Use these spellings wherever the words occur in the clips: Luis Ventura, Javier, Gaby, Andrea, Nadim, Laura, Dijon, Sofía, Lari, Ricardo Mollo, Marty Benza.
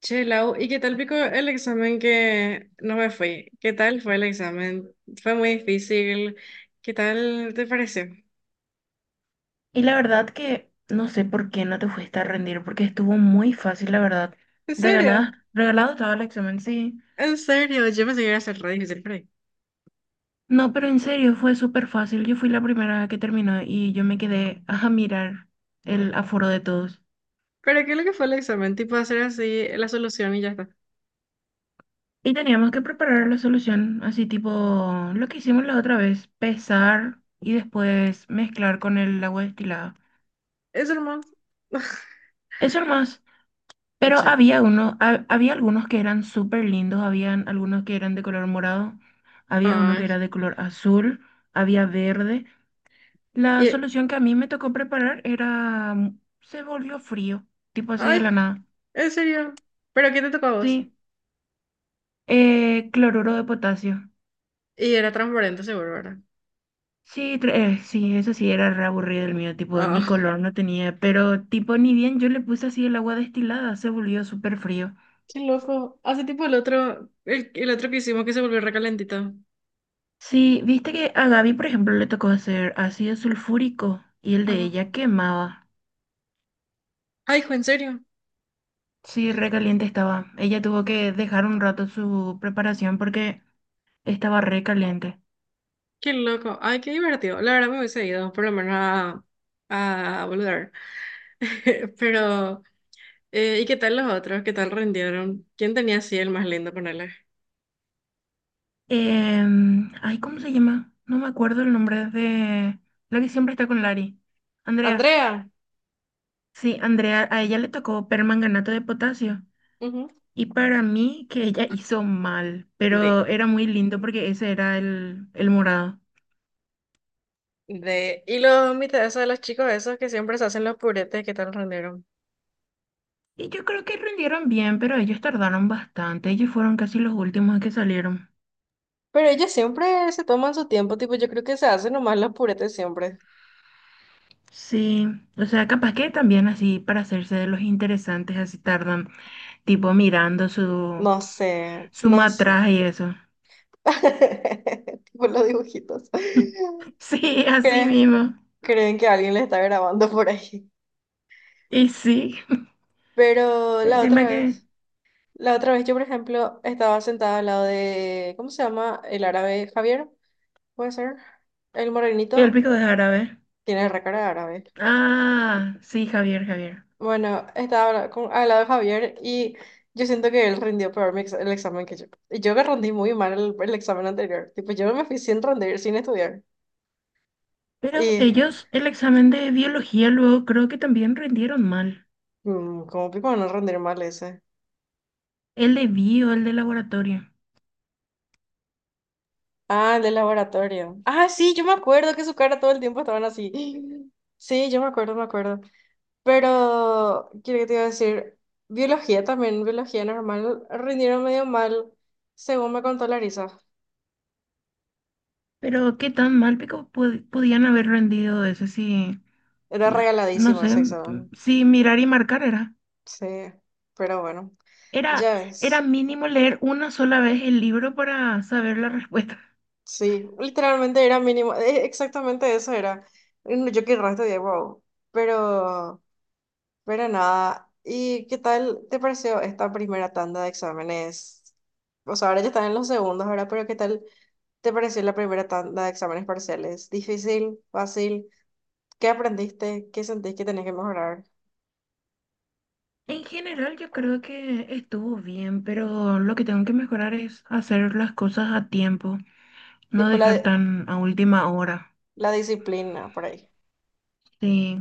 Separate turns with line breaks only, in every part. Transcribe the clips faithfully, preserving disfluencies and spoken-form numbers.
Che, Lau, ¿y qué tal pico el examen que no me fui? ¿Qué tal fue el examen? ¿Fue muy difícil? ¿Qué tal te pareció?
Y la verdad que no sé por qué no te fuiste a rendir, porque estuvo muy fácil, la verdad.
¿En serio?
Regalada, regalado estaba el examen, sí.
¿En serio? Yo pensé que iba a ser re difícil por ahí.
No, pero en serio, fue súper fácil. Yo fui la primera que terminó y yo me quedé a mirar el aforo de todos.
¿Pero qué es lo que fue el examen? Tipo hacer así la solución y ya está.
Y teníamos que preparar la solución, así tipo lo que hicimos la otra vez, pesar y después mezclar con el agua destilada.
Eso nomás.
Eso nomás.
Y
Pero
chao.
había uno, ha- había algunos que eran súper lindos, habían algunos que eran de color morado, había uno que era
Ay.
de color azul, había verde. La
Y-
solución que a mí me tocó preparar era, mm, se volvió frío, tipo así de
Ay,
la nada.
¿en serio? ¿Pero qué te tocó a vos?
Sí, eh, cloruro de potasio.
Y era transparente seguro, ¿verdad?
Sí, tra- eh, sí, eso sí era re aburrido el mío, tipo ni
Ah,
color no tenía, pero tipo ni bien yo le puse así el agua destilada, se volvió súper frío.
qué loco. Hace tipo el otro, el, el otro que hicimos que se volvió recalentito.
Sí, viste que a Gaby, por ejemplo, le tocó hacer ácido sulfúrico y el de
Ajá.
ella quemaba.
Ay, hijo, ¿en serio?
Sí, recaliente estaba. Ella tuvo que dejar un rato su preparación porque estaba recaliente.
Qué loco. Ay, qué divertido. La verdad me hubiese ido, por lo menos a, a boludear. Pero, eh, ¿y qué tal los otros? ¿Qué tal rindieron? ¿Quién tenía así el más lindo, ponele?
Em, ay, ¿cómo se llama? No me acuerdo el nombre de la que siempre está con Lari. Andrea.
Andrea,
Sí, Andrea, a ella le tocó permanganato de potasio.
ujú.
Y para mí que ella hizo mal, pero
De.
era muy lindo porque ese era el, el morado.
De. ¿Y los mitades de los chicos esos que siempre se hacen los puretes? ¿Qué tal rindieron?
Y yo creo que rindieron bien, pero ellos tardaron bastante. Ellos fueron casi los últimos que salieron.
Pero ellos siempre se toman su tiempo, tipo, yo creo que se hacen nomás los puretes siempre.
Sí, o sea, capaz que también así para hacerse de los interesantes, así tardan, tipo mirando su,
No sé,
su
no sé.
matraje y eso.
Tipo los dibujitos.
Sí, así
¿Crees?
mismo.
Creen que alguien les está grabando por ahí.
Y sí,
Pero la
encima
otra
que
vez, la otra vez yo, por ejemplo, estaba sentada al lado de, ¿cómo se llama? El árabe Javier, puede ser. El
el
morenito
pico de árabe.
tiene recara de árabe.
Ah, sí, Javier, Javier.
Bueno, estaba con- al lado de Javier y yo siento que él rindió peor mi ex- el examen que yo. Y yo que rendí muy mal el, el examen anterior. Tipo, yo me fui sin rendir, sin estudiar.
Pero
Y,
ellos, el examen de biología luego creo que también rindieron mal.
mm, ¿Cómo pico no rendir mal ese?
El de bio, el de laboratorio.
Ah, el del laboratorio. Ah, sí, yo me acuerdo que su cara todo el tiempo estaban así. Sí, yo me acuerdo, me acuerdo. Pero, quiero que te iba a decir, biología también, biología normal, rindieron medio mal, según me contó Larisa.
Pero qué tan mal pico pod- podían haber rendido ese si,
Era
r- no
regaladísimo
sé,
ese
m-
examen.
si mirar y marcar era.
Sí, pero bueno,
Era,
ya
era
ves.
mínimo leer una sola vez el libro para saber la respuesta.
Sí, literalmente era mínimo, eh, exactamente eso era. Mm, yo qué resto de wow. Pero... Pero nada, ¿y qué tal te pareció esta primera tanda de exámenes? O sea, ahora ya están en los segundos, ahora, pero ¿qué tal te pareció la primera tanda de exámenes parciales? ¿Difícil? ¿Fácil? ¿Qué aprendiste? ¿Qué sentís que tenés que mejorar?
En general yo creo que estuvo bien, pero lo que tengo que mejorar es hacer las cosas a tiempo, no
Tipo la, di-
dejar tan a última hora.
la disciplina por ahí.
Sí,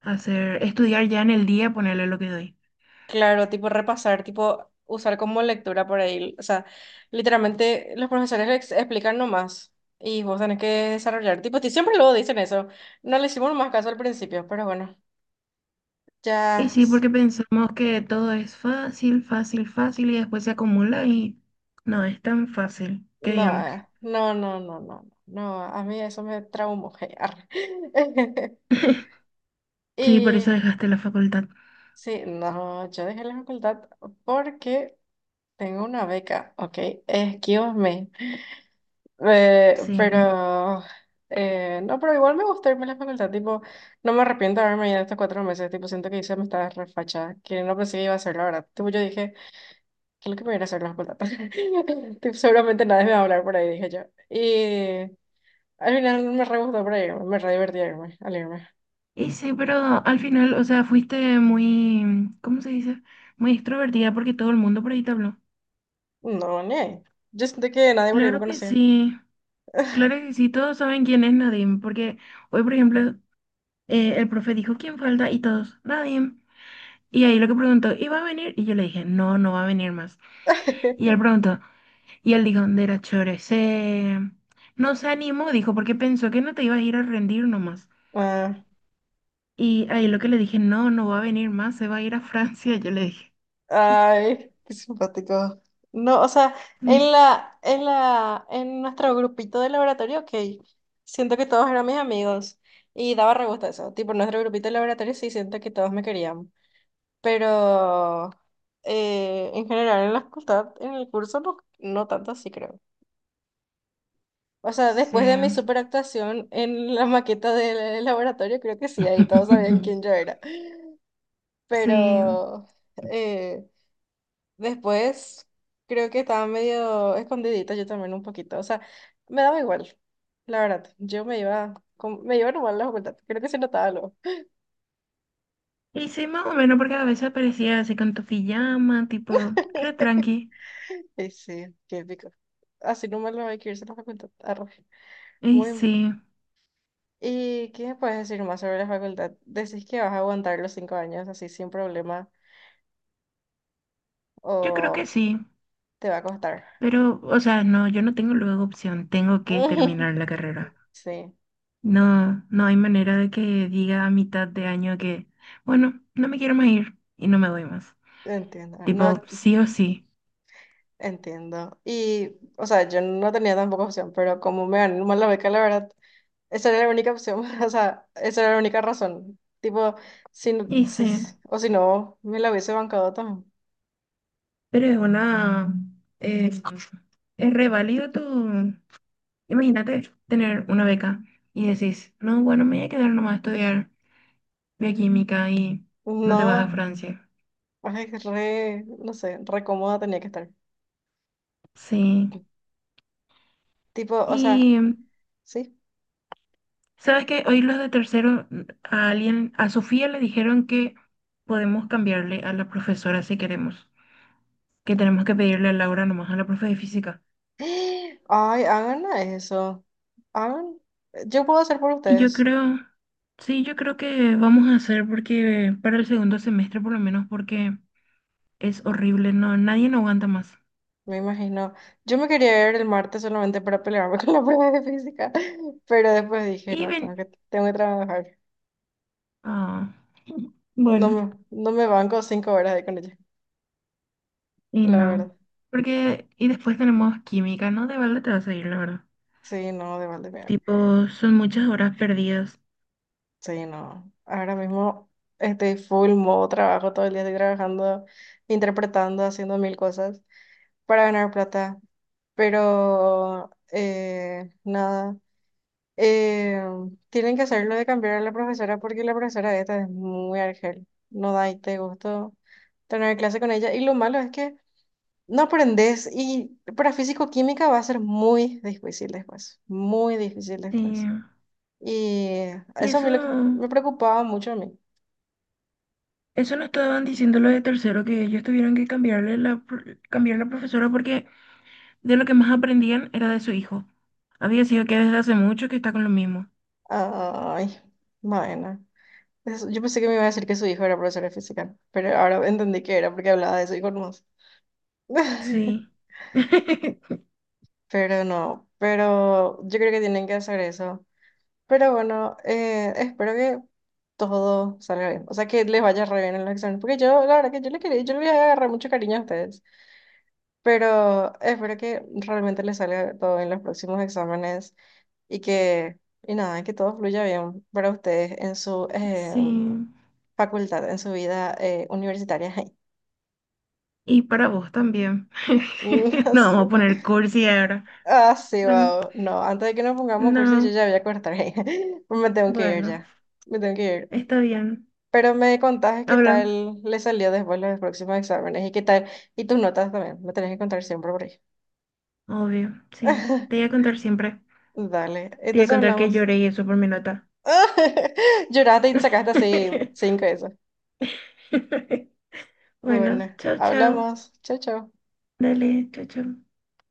hacer, estudiar ya en el día, ponerle lo que doy.
Claro, tipo repasar, tipo usar como lectura por ahí. O sea, literalmente los profesores ex- explican nomás y vos tenés que desarrollar. Tipo, ti- siempre luego dicen eso. No le hicimos más caso al principio, pero bueno,
Y
ya.
sí, porque pensamos que todo es fácil, fácil, fácil y después se acumula y no es tan fácil, que
No,
digamos.
eh, no, no, no, no, no, a mí eso me traumó. Arre.
Sí, por eso
Y
dejaste la facultad.
sí, no, yo dejé la facultad porque tengo una beca, ok, excuse me. Eh,
Sí.
pero eh, no, pero igual me gustó irme a la facultad, tipo, no me arrepiento de haberme ido estos cuatro meses, tipo, siento que hice, me estaba refachada, que no pensé que iba a hacer, la verdad, tipo, yo dije, ¿qué es lo que me viene a ir a hacer a la facultad? Tipo, seguramente nadie me va a hablar por ahí, dije yo, y al final me re gustó reírme, me re divertí a irme.
Y sí, pero al final, o sea, fuiste muy, ¿cómo se dice? Muy extrovertida porque todo el mundo por ahí te habló.
No, ne. Yo sentí que nadie por ahí me
Claro que
conocía.
sí, claro que sí, todos saben quién es Nadim, porque hoy, por ejemplo, eh, el profe dijo quién falta y todos, Nadim. Y ahí lo que preguntó, ¿y va a venir? Y yo le dije, no, no va a venir más. Y él preguntó. Y el Dijon era chore, se... No se animó, dijo, porque pensó que no te ibas a ir a rendir nomás.
Ah,
Y ahí lo que le dije, no, no va a venir más, se va a ir a Francia, yo le dije.
ay, qué simpático. No, o sea,
Ni
en
sí,
la, en la, en nuestro grupito de laboratorio, ok, siento que todos eran mis amigos y daba re gusto eso. Tipo, en nuestro grupito de laboratorio sí siento que todos me querían, pero eh, en general en la facultad, en el curso, no, no tanto así creo. O
no
sea, después de
sé.
mi superactuación en la maqueta del laboratorio, creo que sí, ahí todos sabían quién yo era.
Sí.
Pero eh, después creo que estaba medio escondidita yo también un poquito. O sea, me daba igual, la verdad. Yo me iba, con- me iba normal a la facultad. Creo que se notaba algo.
Y sí, más o menos, porque a veces aparecía así con tu pijama, tipo, re tranqui.
Y sí, qué épico. Así no me lo hay que irse a la facultad. Arre.
Y
Muy...
sí,
¿Y qué me puedes decir más sobre la facultad? Decís que vas a aguantar los cinco años así sin problema.
yo creo que
O
sí.
te va a costar.
Pero, o sea, no, yo no tengo luego opción, tengo que terminar la carrera.
Sí,
No, no hay manera de que diga a mitad de año que, bueno, no me quiero más ir y no me voy más.
entiendo. No
Tipo, sí o sí.
entiendo. Y, o sea, yo no tenía tampoco opción, pero como me ganó mal la beca, la verdad, esa era la única opción. O sea, esa era la única razón. Tipo, si, no-
Y
si-
sí,
o si no, me la hubiese bancado también.
pero es una... eh, es re válido tu... Imagínate tener una beca y decís, no, bueno, me voy a quedar nomás a estudiar bioquímica y no te vas a
No,
Francia.
ay, re, no sé, re cómoda tenía que estar.
Sí.
Tipo, o sea,
Y,
sí.
¿sabes qué? Hoy los de tercero, a alguien, a Sofía le dijeron que podemos cambiarle a la profesora si queremos. Que tenemos que pedirle a Laura nomás a la profe de física.
Ay, hagan eso. Hagan. Yo puedo hacer por
Y yo
ustedes.
creo, sí, yo creo que vamos a hacer porque para el segundo semestre por lo menos porque es horrible, no, nadie no aguanta más.
Me imagino. Yo me quería ver el martes solamente para pelearme con la prueba de física, pero después dije,
Y
no, tengo
ven,
que, tengo que trabajar.
ah,
No
bueno,
me, no me banco cinco horas ahí con ella,
y
la
no,
verdad.
porque, y después tenemos química, ¿no? De balde te vas a ir, la verdad.
Sí, no, de Valdemar.
Tipo, son muchas horas perdidas.
Sí, no. Ahora mismo estoy full modo trabajo, todo el día estoy trabajando, interpretando, haciendo mil cosas para ganar plata, pero eh, nada. Eh, Tienen que hacerlo de cambiar a la profesora porque la profesora de esta es muy argel. No da y te gustó tener clase con ella. Y lo malo es que no aprendes y para físico-química va a ser muy difícil después. Muy difícil
Sí.
después. Y
Y
Eso a
eso,
mí lo que me preocupaba mucho a mí.
eso nos estaban diciendo los de tercero que ellos tuvieron que cambiarle la, pro- cambiar la profesora porque de lo que más aprendían era de su hijo. Había sido que desde hace mucho que está con lo mismo.
Ay, bueno. Es- Yo pensé que me iba a decir que su hijo era profesor de física, pero ahora entendí que era porque hablaba de eso y con más.
Sí.
Pero no, pero yo creo que tienen que hacer eso. Pero bueno, eh, espero que todo salga bien. O sea, que les vaya re bien en los exámenes. Porque yo, la verdad que yo les quería, yo les voy a agarrar mucho cariño a ustedes. Pero espero que realmente les salga todo en los próximos exámenes y que, y nada, que todo fluya bien para ustedes en su eh,
Sí.
facultad, en su vida eh, universitaria.
Y para vos también.
No,
No
sí,
vamos a poner cursi ahora.
ah, sí,
Bueno,
wow. No, antes de que nos pongamos cursos, yo
no.
ya voy a cortar. Me tengo que ir
Bueno,
ya. Me tengo que ir.
está bien.
Pero me contaste qué
Habla.
tal le salió después los próximos exámenes y qué tal, y tus notas también, me tenés que contar siempre por ahí.
Obvio. Sí. Te voy a contar siempre.
Dale,
Te voy a
entonces
contar que
hablamos.
lloré y eso por mi nota.
Lloraste y sacaste así cinco eso.
Bueno,
Bueno,
chao, chao.
hablamos. Chao, chao.
Dale, chao, chao.